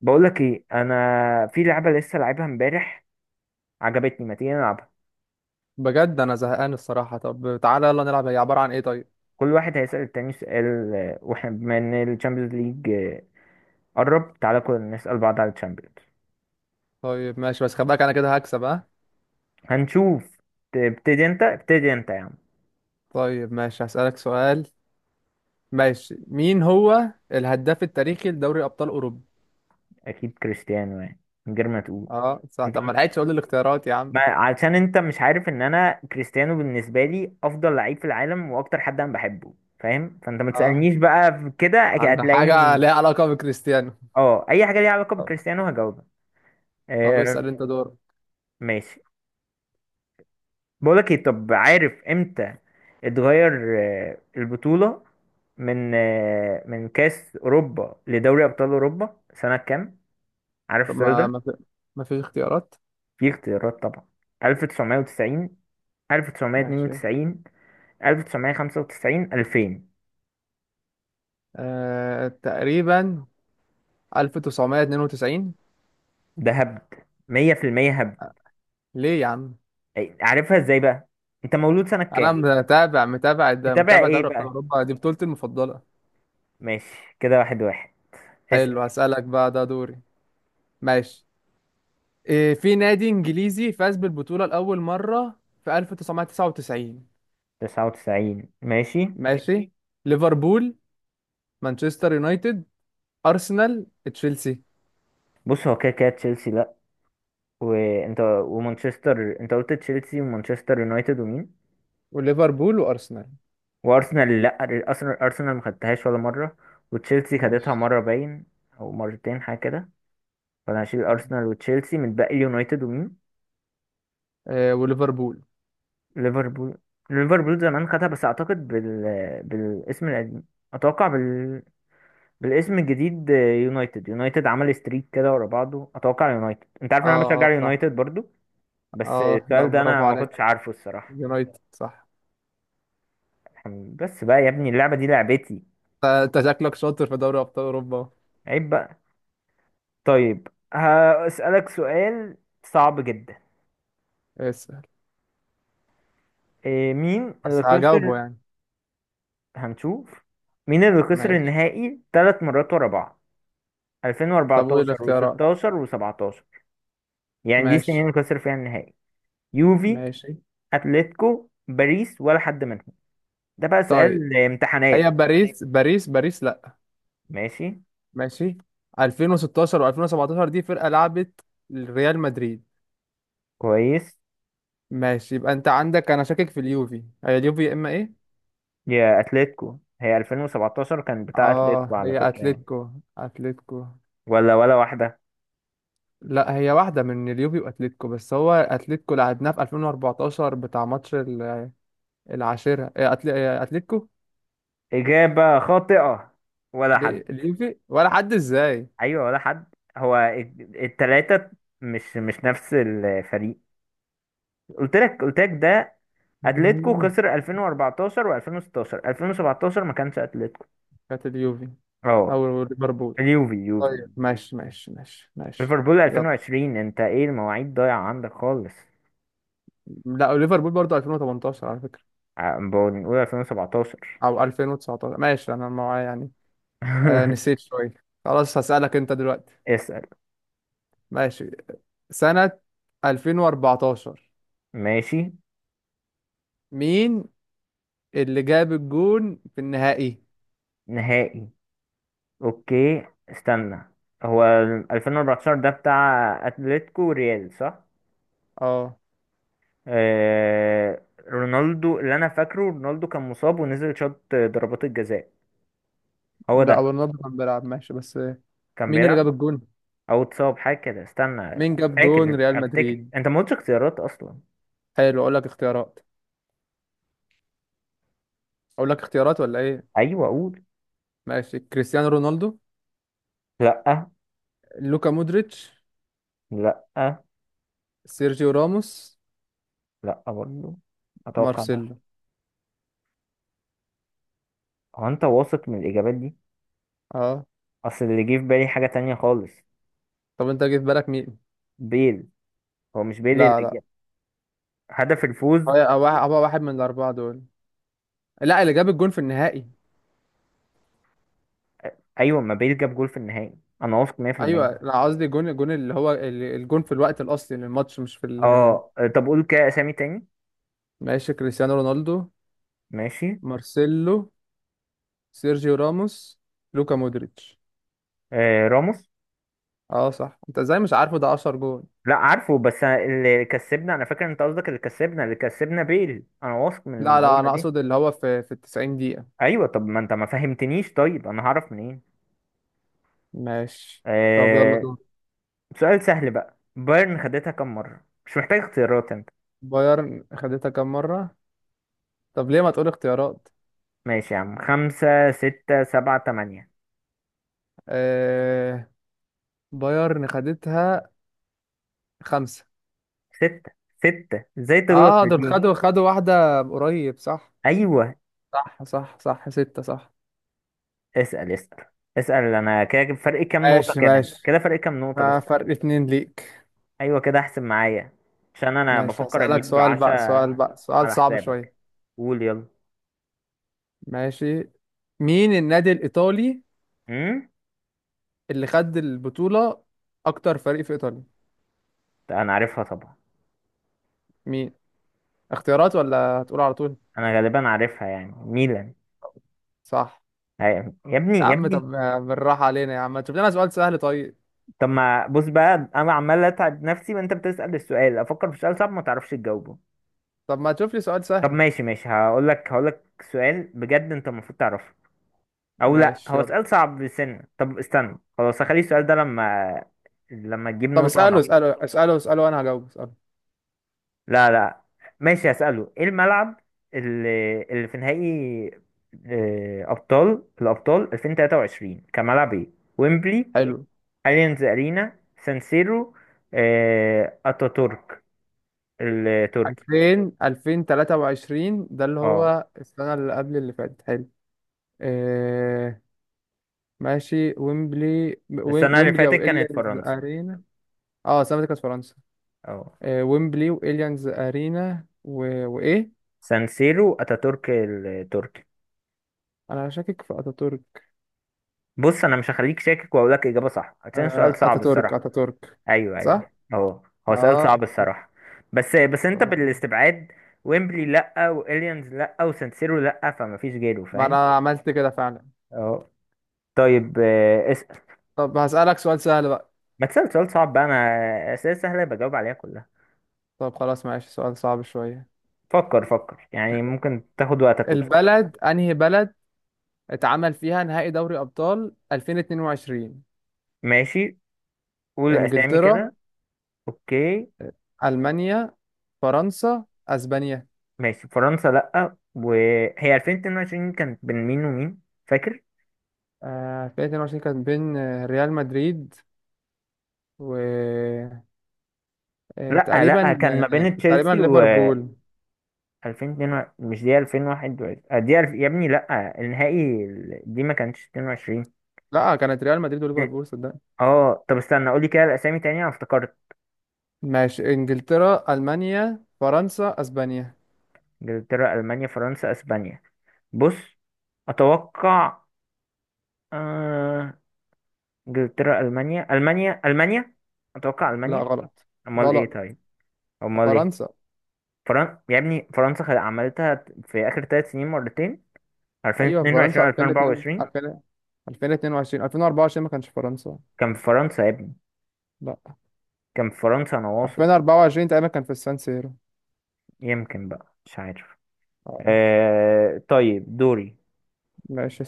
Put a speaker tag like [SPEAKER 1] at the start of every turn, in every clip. [SPEAKER 1] بقول لك ايه، انا في لعبه لسه لعبها امبارح عجبتني. ما تيجي نلعبها؟
[SPEAKER 2] بجد انا زهقان الصراحه. طب تعالى يلا نلعب، هي عباره عن ايه؟ طيب
[SPEAKER 1] كل واحد هيسأل التاني سؤال، واحنا بما ان الشامبيونز ليج قرب. تعالى كلنا نسأل بعض على الشامبيونز.
[SPEAKER 2] طيب ماشي، بس خد بالك انا كده هكسب، ها.
[SPEAKER 1] هنشوف. تبتدي انت ابتدي انت يا عم.
[SPEAKER 2] طيب ماشي هسالك سؤال. ماشي، مين هو الهداف التاريخي لدوري ابطال اوروبا؟
[SPEAKER 1] اكيد كريستيانو، يعني من غير ما تقول.
[SPEAKER 2] اه صح،
[SPEAKER 1] انت،
[SPEAKER 2] طب ما لحقتش اقول الاختيارات يا عم.
[SPEAKER 1] ما علشان انت مش عارف ان انا كريستيانو بالنسبه لي افضل لعيب في العالم واكتر حد انا بحبه، فاهم؟ فانت ما
[SPEAKER 2] اه
[SPEAKER 1] تسألنيش بقى في كده، أكيد
[SPEAKER 2] عن حاجه
[SPEAKER 1] هتلاقيني.
[SPEAKER 2] ليها علاقه بكريستيانو.
[SPEAKER 1] اه، اي حاجه ليها علاقه
[SPEAKER 2] طب,
[SPEAKER 1] بكريستيانو هجاوبها.
[SPEAKER 2] طب
[SPEAKER 1] آه،
[SPEAKER 2] اسال انت دور.
[SPEAKER 1] ماشي. بقولك ايه، طب عارف امتى اتغير البطولة، من كأس أوروبا لدوري أبطال أوروبا سنة كام؟ عارف
[SPEAKER 2] طب
[SPEAKER 1] السؤال
[SPEAKER 2] ما
[SPEAKER 1] ده؟
[SPEAKER 2] ما في ما فيش اختيارات.
[SPEAKER 1] في اختيارات طبعا. 1990،
[SPEAKER 2] ماشي.
[SPEAKER 1] 1992، 1995، 2000.
[SPEAKER 2] آه تقريبا 1992.
[SPEAKER 1] ده هبد، 100% هبد.
[SPEAKER 2] ليه يا عم؟
[SPEAKER 1] عارفها ازاي بقى؟ انت مولود سنة
[SPEAKER 2] انا
[SPEAKER 1] كام؟
[SPEAKER 2] متابع متابع ده
[SPEAKER 1] متابع
[SPEAKER 2] متابع
[SPEAKER 1] ايه
[SPEAKER 2] دوري ابطال
[SPEAKER 1] بقى؟
[SPEAKER 2] اوروبا، دي بطولتي المفضله.
[SPEAKER 1] ماشي كده، واحد واحد. اسأل.
[SPEAKER 2] حلو هسألك بقى ده دوري. ماشي. إيه في نادي إنجليزي فاز بالبطولة لأول مرة في 1999؟
[SPEAKER 1] 99، ماشي.
[SPEAKER 2] ماشي ماشي. ليفربول، مانشستر يونايتد، أرسنال، تشيلسي.
[SPEAKER 1] بص، هو كده كده تشيلسي لا. وانت، ومانشستر، انت قلت تشيلسي ومانشستر يونايتد ومين؟
[SPEAKER 2] وليفربول وأرسنال.
[SPEAKER 1] وارسنال لا، ارسنال ارسنال ما خدتهاش ولا مره. وتشيلسي خدتها
[SPEAKER 2] ماشي.
[SPEAKER 1] مره باين، او مرتين حاجه كده. فانا هشيل ارسنال وتشيلسي، من باقي يونايتد ومين؟
[SPEAKER 2] إيه وليفربول.
[SPEAKER 1] ليفربول. ليفربول زمان خدها بس، اعتقد بالاسم القديم. اتوقع بالاسم الجديد. يونايتد. يونايتد عمل ستريك كده ورا بعضه، اتوقع يونايتد. انت عارف
[SPEAKER 2] اه.
[SPEAKER 1] ان انا بشجع
[SPEAKER 2] صح.
[SPEAKER 1] يونايتد برضو. بس
[SPEAKER 2] اه لا
[SPEAKER 1] السؤال ده انا
[SPEAKER 2] برافو
[SPEAKER 1] ما كنتش
[SPEAKER 2] عليك.
[SPEAKER 1] عارفه الصراحه.
[SPEAKER 2] يونايتد صح.
[SPEAKER 1] بس بقى يا ابني، اللعبه دي لعبتي.
[SPEAKER 2] انت شكلك شاطر في دوري أبطال أوروبا.
[SPEAKER 1] عيب بقى. طيب هسألك سؤال صعب جدا.
[SPEAKER 2] اسأل.
[SPEAKER 1] إيه؟ مين
[SPEAKER 2] بس
[SPEAKER 1] اللي خسر؟
[SPEAKER 2] هجاوبه يعني.
[SPEAKER 1] هنشوف. مين اللي خسر
[SPEAKER 2] ماشي.
[SPEAKER 1] النهائي ثلاث مرات ورا بعض؟
[SPEAKER 2] طب قول
[SPEAKER 1] 2014
[SPEAKER 2] الاختيارات.
[SPEAKER 1] و16 و17، يعني دي السنين
[SPEAKER 2] ماشي
[SPEAKER 1] اللي خسر فيها النهائي. يوفي،
[SPEAKER 2] ماشي.
[SPEAKER 1] اتلتيكو، باريس، ولا حد منهم؟ ده بقى
[SPEAKER 2] طيب
[SPEAKER 1] سؤال
[SPEAKER 2] هي
[SPEAKER 1] امتحانات.
[SPEAKER 2] باريس، باريس باريس لا.
[SPEAKER 1] ماشي.
[SPEAKER 2] ماشي. 2016 و2017 دي فرقة لعبت، ريال مدريد.
[SPEAKER 1] كويس.
[SPEAKER 2] ماشي، يبقى انت عندك، انا شاكك في اليوفي، هي اليوفي يا اما ايه.
[SPEAKER 1] يا اتلتيكو، هي 2017 كان بتاع اتلتيكو
[SPEAKER 2] اه
[SPEAKER 1] على
[SPEAKER 2] هي
[SPEAKER 1] فكرة يعني.
[SPEAKER 2] اتلتيكو، اتلتيكو.
[SPEAKER 1] ولا ولا واحدة.
[SPEAKER 2] لا هي واحدة من اليوفي واتلتيكو، بس هو اتلتيكو لعبناه في 2014 بتاع ماتش العاشرة، إيه، أتل- إيه، اتلتيكو.
[SPEAKER 1] إجابة خاطئة. ولا
[SPEAKER 2] ب-
[SPEAKER 1] حد.
[SPEAKER 2] اليوفي ولا حد ازاي؟
[SPEAKER 1] ايوه ولا حد. هو التلاتة مش نفس الفريق. قلت لك ده. اتلتيكو
[SPEAKER 2] مم.
[SPEAKER 1] خسر 2014، و2016 2017 ما كانش اتلتيكو.
[SPEAKER 2] كانت اليوفي
[SPEAKER 1] اه،
[SPEAKER 2] او ليفربول.
[SPEAKER 1] اليوفي اليوفي.
[SPEAKER 2] طيب ماشي ماشي ماشي ماشي.
[SPEAKER 1] ليفربول
[SPEAKER 2] يلا.
[SPEAKER 1] 2020؟ انت ايه، المواعيد ضايعة عندك خالص.
[SPEAKER 2] لا ليفربول برضه 2018 على فكرة،
[SPEAKER 1] بنقول 2017.
[SPEAKER 2] او 2019، ماشي انا معايا يعني. آه نسيت شويه. خلاص هسألك انت دلوقتي.
[SPEAKER 1] اسأل.
[SPEAKER 2] ماشي. سنة 2014
[SPEAKER 1] ماشي.
[SPEAKER 2] مين اللي جاب الجون في النهائي؟
[SPEAKER 1] نهائي. اوكي استنى، هو 2014 ده بتاع اتلتيكو ريال، صح؟
[SPEAKER 2] اه
[SPEAKER 1] آه، رونالدو، اللي انا فاكره رونالدو كان مصاب ونزل شاط ضربات الجزاء. هو
[SPEAKER 2] لا، هو
[SPEAKER 1] ده.
[SPEAKER 2] رونالدو كان بيلعب ماشي، بس
[SPEAKER 1] كان
[SPEAKER 2] مين اللي جاب
[SPEAKER 1] بيلعب،
[SPEAKER 2] الجون؟
[SPEAKER 1] او اتصاب حاجه كده، استنى.
[SPEAKER 2] مين جاب جون ريال
[SPEAKER 1] افتكر،
[SPEAKER 2] مدريد؟
[SPEAKER 1] انت ما قلتش اختيارات اصلا.
[SPEAKER 2] حلو اقول لك اختيارات، اقول لك اختيارات ولا ايه؟
[SPEAKER 1] ايوه اقول.
[SPEAKER 2] ماشي. كريستيانو رونالدو،
[SPEAKER 1] لا.
[SPEAKER 2] لوكا مودريتش،
[SPEAKER 1] لا.
[SPEAKER 2] سيرجيو راموس،
[SPEAKER 1] لا برضه. اتوقع ده.
[SPEAKER 2] مارسيلو.
[SPEAKER 1] هو انت واثق من الاجابات دي؟
[SPEAKER 2] اه.
[SPEAKER 1] اصل اللي جه في بالي حاجه تانية خالص.
[SPEAKER 2] طب انت جه في بالك مين؟
[SPEAKER 1] بيل. هو مش بيل
[SPEAKER 2] لا
[SPEAKER 1] اللي
[SPEAKER 2] لا،
[SPEAKER 1] جاب هدف الفوز؟
[SPEAKER 2] هو واحد من الاربعه دول. لا اللي جاب الجون في النهائي.
[SPEAKER 1] ايوه، ما بيل جاب جول في النهائي، انا واثق 100%.
[SPEAKER 2] ايوه انا قصدي الجون، الجون اللي هو الجون في الوقت الاصلي للماتش، مش في ال-.
[SPEAKER 1] اه طب قول كده اسامي تاني.
[SPEAKER 2] ماشي. كريستيانو رونالدو،
[SPEAKER 1] ماشي.
[SPEAKER 2] مارسيلو، سيرجيو راموس، لوكا مودريتش.
[SPEAKER 1] راموس.
[SPEAKER 2] اه صح، انت ازاي مش عارفه؟ ده 10 جون.
[SPEAKER 1] لا عارفه، بس اللي كسبنا، انا فاكر انت قصدك اللي كسبنا، بيل. انا واثق من
[SPEAKER 2] لا لا،
[SPEAKER 1] المعلومه
[SPEAKER 2] انا
[SPEAKER 1] دي.
[SPEAKER 2] اقصد اللي هو في 90 دقيقة.
[SPEAKER 1] ايوه طب ما انت ما فهمتنيش، طيب انا هعرف منين؟
[SPEAKER 2] ماشي. طب يلا
[SPEAKER 1] آه...
[SPEAKER 2] دور.
[SPEAKER 1] سؤال سهل بقى. بايرن خدتها كم مره؟ مش محتاج اختيارات انت.
[SPEAKER 2] بايرن خدتها كام مرة؟ طب ليه ما تقول اختيارات؟
[SPEAKER 1] ماشي يا عم، خمسة ستة سبعة تمانية.
[SPEAKER 2] آه. بايرن خدتها خمسة.
[SPEAKER 1] ستة. ستة، ازاي تغلط
[SPEAKER 2] اه
[SPEAKER 1] في
[SPEAKER 2] دول
[SPEAKER 1] دي؟
[SPEAKER 2] خدوا واحدة قريب، صح.
[SPEAKER 1] ايوه.
[SPEAKER 2] صح صح صح ستة صح.
[SPEAKER 1] اسأل اسأل. اسأل. انا كده فرق كام نقطة؟
[SPEAKER 2] ماشي
[SPEAKER 1] كده
[SPEAKER 2] ماشي.
[SPEAKER 1] كده فرق كام نقطة بس.
[SPEAKER 2] فرق اتنين ليك.
[SPEAKER 1] ايوه كده احسن معايا، عشان انا
[SPEAKER 2] ماشي
[SPEAKER 1] بفكر
[SPEAKER 2] هسألك
[SPEAKER 1] اجيب
[SPEAKER 2] سؤال بقى، سؤال
[SPEAKER 1] عشاء
[SPEAKER 2] بقى، سؤال
[SPEAKER 1] على
[SPEAKER 2] صعب شوية.
[SPEAKER 1] حسابك. قول يلا.
[SPEAKER 2] ماشي. مين النادي الإيطالي
[SPEAKER 1] امم.
[SPEAKER 2] اللي خد البطولة أكتر فريق في إيطاليا؟
[SPEAKER 1] انا عارفها طبعا.
[SPEAKER 2] مين؟ اختيارات ولا هتقول على طول؟
[SPEAKER 1] انا غالبا عارفها، يعني ميلان.
[SPEAKER 2] صح.
[SPEAKER 1] أي- يا ابني
[SPEAKER 2] يا
[SPEAKER 1] يا
[SPEAKER 2] عم
[SPEAKER 1] ابني.
[SPEAKER 2] طب بالراحة علينا يا عم، ما تشوف لنا سؤال سهل طيب.
[SPEAKER 1] طب ما بص بقى، انا عمال اتعب نفسي وانت بتسأل السؤال، افكر في سؤال صعب ما تعرفش تجاوبه.
[SPEAKER 2] طب ما تشوف لي سؤال
[SPEAKER 1] طب
[SPEAKER 2] سهل.
[SPEAKER 1] ماشي ماشي، هقول لك. سؤال بجد انت المفروض تعرفه. او لا،
[SPEAKER 2] ماشي
[SPEAKER 1] هو
[SPEAKER 2] يلا.
[SPEAKER 1] سؤال صعب بسنة. طب استنى، خلاص هخلي السؤال ده لما. لما تجيب
[SPEAKER 2] طب
[SPEAKER 1] نقطة.
[SPEAKER 2] اسأله اسأله اسأله اسأله وأنا هجاوب، اسأله.
[SPEAKER 1] لا لا. ماشي هسأله. ايه الملعب اللي في نهائي الابطال 2023، كملعب ايه؟ ويمبلي.
[SPEAKER 2] حلو.
[SPEAKER 1] اليانز ارينا. سان سيرو. اتاتورك التركي.
[SPEAKER 2] 2000 2023 ده اللي
[SPEAKER 1] اه،
[SPEAKER 2] هو السنة اللي قبل اللي فاتت، حلو. آه، ماشي، ويمبلي،
[SPEAKER 1] السنة اللي
[SPEAKER 2] ويمبلي
[SPEAKER 1] فاتت
[SPEAKER 2] او
[SPEAKER 1] كانت
[SPEAKER 2] اليانز
[SPEAKER 1] فرنسا.
[SPEAKER 2] ارينا. اه سامتك كاس فرنسا.
[SPEAKER 1] اه،
[SPEAKER 2] آه ويمبلي واليانز ارينا و... وايه؟
[SPEAKER 1] سان سيرو، اتاتورك التركي.
[SPEAKER 2] انا شاكك في اتاتورك.
[SPEAKER 1] بص، انا مش هخليك شاكك، واقول لك اجابة صح عشان سؤال
[SPEAKER 2] آه
[SPEAKER 1] صعب
[SPEAKER 2] اتاتورك،
[SPEAKER 1] الصراحة.
[SPEAKER 2] اتاتورك.
[SPEAKER 1] ايوه ايوه
[SPEAKER 2] صح.
[SPEAKER 1] اهو. هو سؤال صعب
[SPEAKER 2] اه طب.
[SPEAKER 1] الصراحه، بس بس انت
[SPEAKER 2] طب
[SPEAKER 1] بالاستبعاد. ويمبلي لا، واليانز لا، وسانسيرو لا، فما فيش غيره،
[SPEAKER 2] ما
[SPEAKER 1] فاهم؟
[SPEAKER 2] انا عملت كده فعلا.
[SPEAKER 1] اهو. طيب اسال.
[SPEAKER 2] طب هسألك سؤال سهل بقى.
[SPEAKER 1] ما تسال سؤال صعب بقى، انا اسئله سهله بجاوب عليها كلها.
[SPEAKER 2] طب خلاص ماشي، سؤال صعب شوية.
[SPEAKER 1] فكر فكر، يعني ممكن تاخد وقتك وتفكر.
[SPEAKER 2] البلد انهي بلد اتعمل فيها نهائي دوري ابطال 2022؟
[SPEAKER 1] ماشي. قول اسامي
[SPEAKER 2] انجلترا،
[SPEAKER 1] كده. اوكي.
[SPEAKER 2] المانيا، فرنسا، اسبانيا.
[SPEAKER 1] ماشي. فرنسا لا. وهي 2022 كانت بين مين ومين؟ فاكر.
[SPEAKER 2] 2022 كانت بين ريال مدريد و
[SPEAKER 1] لا لا،
[SPEAKER 2] تقريبا،
[SPEAKER 1] كان ما بين
[SPEAKER 2] تقريبا
[SPEAKER 1] تشيلسي.
[SPEAKER 2] ليفربول.
[SPEAKER 1] 2002؟ مش دي 2021. دي يا ابني، لا النهائي دي ما كانتش 22.
[SPEAKER 2] لا كانت ريال مدريد وليفربول، صدقني.
[SPEAKER 1] اه طب استنى، قولي كده الاسامي تاني، انا افتكرت.
[SPEAKER 2] ماشي، انجلترا، المانيا، فرنسا، اسبانيا.
[SPEAKER 1] انجلترا، المانيا، فرنسا، اسبانيا. بص، اتوقع. آه... انجلترا، المانيا، المانيا، المانيا. اتوقع
[SPEAKER 2] لا
[SPEAKER 1] المانيا.
[SPEAKER 2] غلط.
[SPEAKER 1] امال ايه
[SPEAKER 2] غلط.
[SPEAKER 1] طيب؟ امال ايه؟
[SPEAKER 2] فرنسا.
[SPEAKER 1] يا ابني، فرنسا عملتها في اخر ثلاث سنين مرتين،
[SPEAKER 2] ايوه
[SPEAKER 1] 2022
[SPEAKER 2] فرنسا 2002
[SPEAKER 1] 2024.
[SPEAKER 2] 2000. 2022 2024 ما كانش في فرنسا.
[SPEAKER 1] كان في فرنسا يا ابني.
[SPEAKER 2] لا.
[SPEAKER 1] كان في فرنسا، انا واثق.
[SPEAKER 2] 2024 تقريبا كان في السان سيرو.
[SPEAKER 1] يمكن بقى، مش عارف.
[SPEAKER 2] آه،
[SPEAKER 1] آه طيب، دوري.
[SPEAKER 2] ماشي.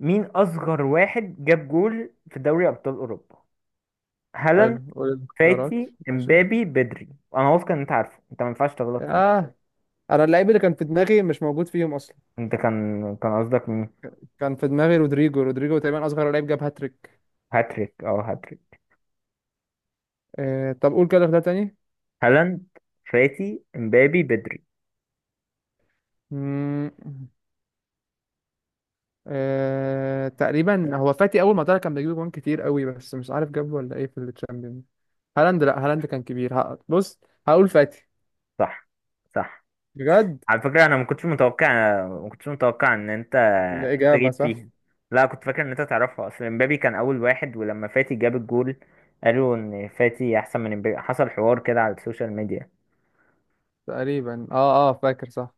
[SPEAKER 1] مين أصغر واحد جاب جول في دوري أبطال أوروبا؟
[SPEAKER 2] حلو
[SPEAKER 1] هالاند،
[SPEAKER 2] قول الاختيارات.
[SPEAKER 1] فاتي،
[SPEAKER 2] ماشي.
[SPEAKER 1] امبابي، بدري. أنا واثق إن أنت عارفه، أنت ما ينفعش تغلط فيه.
[SPEAKER 2] اه انا اللعيب اللي كان في دماغي مش موجود فيهم.
[SPEAKER 1] أنت كان قصدك مين؟
[SPEAKER 2] كان في دماغي رودريجو، تقريبا اصغر لعيب جاب هاتريك.
[SPEAKER 1] هاتريك، أه هاتريك.
[SPEAKER 2] آه طب قول كده اختيار تاني.
[SPEAKER 1] هالاند، فاتي، امبابي، بدري.
[SPEAKER 2] مم، آه تقريبا هو فاتي، اول ما طلع كان بيجيب جوان كتير قوي، بس مش عارف جاب ولا ايه في التشامبيون. هالاند لا، هالاند كان كبير. بص هقول فاتي.
[SPEAKER 1] صح. صح.
[SPEAKER 2] بجد
[SPEAKER 1] على فكرة أنا ما كنتش متوقع، إن أنت
[SPEAKER 2] الإجابة
[SPEAKER 1] تجيب
[SPEAKER 2] صح.
[SPEAKER 1] فيها. لا، كنت فاكر إن أنت تعرفها. أصل إمبابي كان أول واحد، ولما فاتي جاب الجول قالوا إن فاتي أحسن من إمبابي، حصل حوار كده على السوشيال ميديا.
[SPEAKER 2] تقريبا اه اه فاكر صح.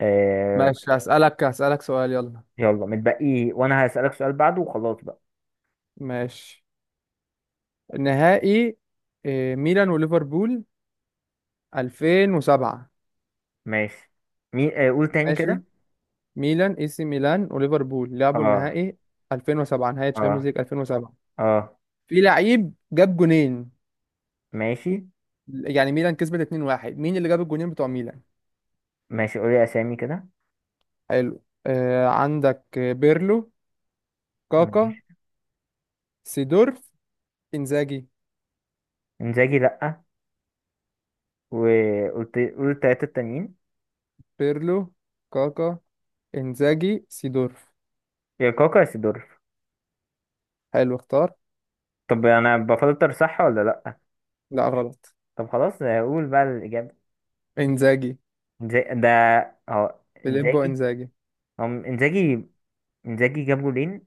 [SPEAKER 1] آه.
[SPEAKER 2] ماشي هسألك سؤال يلا.
[SPEAKER 1] يلا متبقي، وأنا هسألك سؤال بعده وخلاص بقى.
[SPEAKER 2] ماشي. نهائي ميلان وليفربول 2007.
[SPEAKER 1] ماشي. مين؟ آه، قول تاني
[SPEAKER 2] ماشي.
[SPEAKER 1] كده.
[SPEAKER 2] ميلان، اي سي ميلان وليفربول لعبوا
[SPEAKER 1] آه.
[SPEAKER 2] النهائي 2007، نهائي تشامبيونز
[SPEAKER 1] آه.
[SPEAKER 2] ليج 2007،
[SPEAKER 1] آه.
[SPEAKER 2] في لعيب جاب جونين.
[SPEAKER 1] ماشي
[SPEAKER 2] يعني ميلان كسبت 2-1، مين اللي جاب الجونين بتوع ميلان؟
[SPEAKER 1] ماشي. قولي أسامي كده.
[SPEAKER 2] حلو. آه عندك بيرلو، كاكا،
[SPEAKER 1] ماشي.
[SPEAKER 2] سيدورف، انزاجي.
[SPEAKER 1] إنزاجي لأ. وقلت، قول التلاتة التانيين.
[SPEAKER 2] بيرلو، كاكا، انزاجي، سيدورف.
[SPEAKER 1] يا كاكا يا سيدورف.
[SPEAKER 2] حلو اختار.
[SPEAKER 1] طب أنا بفلتر صح ولا لأ؟
[SPEAKER 2] لا غلط.
[SPEAKER 1] طب خلاص، قول بقى الإجابة.
[SPEAKER 2] انزاجي،
[SPEAKER 1] ده. هو
[SPEAKER 2] فيليبو
[SPEAKER 1] إنزاجي.
[SPEAKER 2] انزاجي.
[SPEAKER 1] هو إنزاجي. إنزاجي جاب جولين.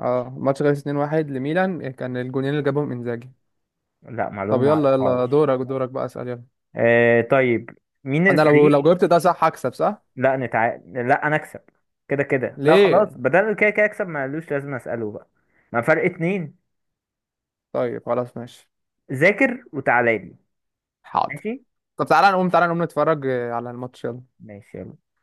[SPEAKER 2] اه ماتش خلص 2-1 لميلان، كان الجونين اللي جابهم انزاجي.
[SPEAKER 1] لا،
[SPEAKER 2] طب
[SPEAKER 1] معلومة ما
[SPEAKER 2] يلا يلا
[SPEAKER 1] أعرفهاش.
[SPEAKER 2] دورك دورك بقى، اسال يلا.
[SPEAKER 1] آه طيب. مين
[SPEAKER 2] انا لو
[SPEAKER 1] الفريق؟
[SPEAKER 2] جاوبت ده صح هكسب صح.
[SPEAKER 1] لا لا، أنا أكسب. كده كده لا، خلاص
[SPEAKER 2] ليه؟
[SPEAKER 1] بدل كده كده أكسب، ملوش لازم أسأله بقى. ما فرق اتنين.
[SPEAKER 2] طيب خلاص ماشي.
[SPEAKER 1] ذاكر وتعالى لي.
[SPEAKER 2] حاضر.
[SPEAKER 1] ماشي.
[SPEAKER 2] طب تعالى نقوم، تعالى نقوم نتفرج على الماتش يلا.
[SPEAKER 1] ماشي يلا.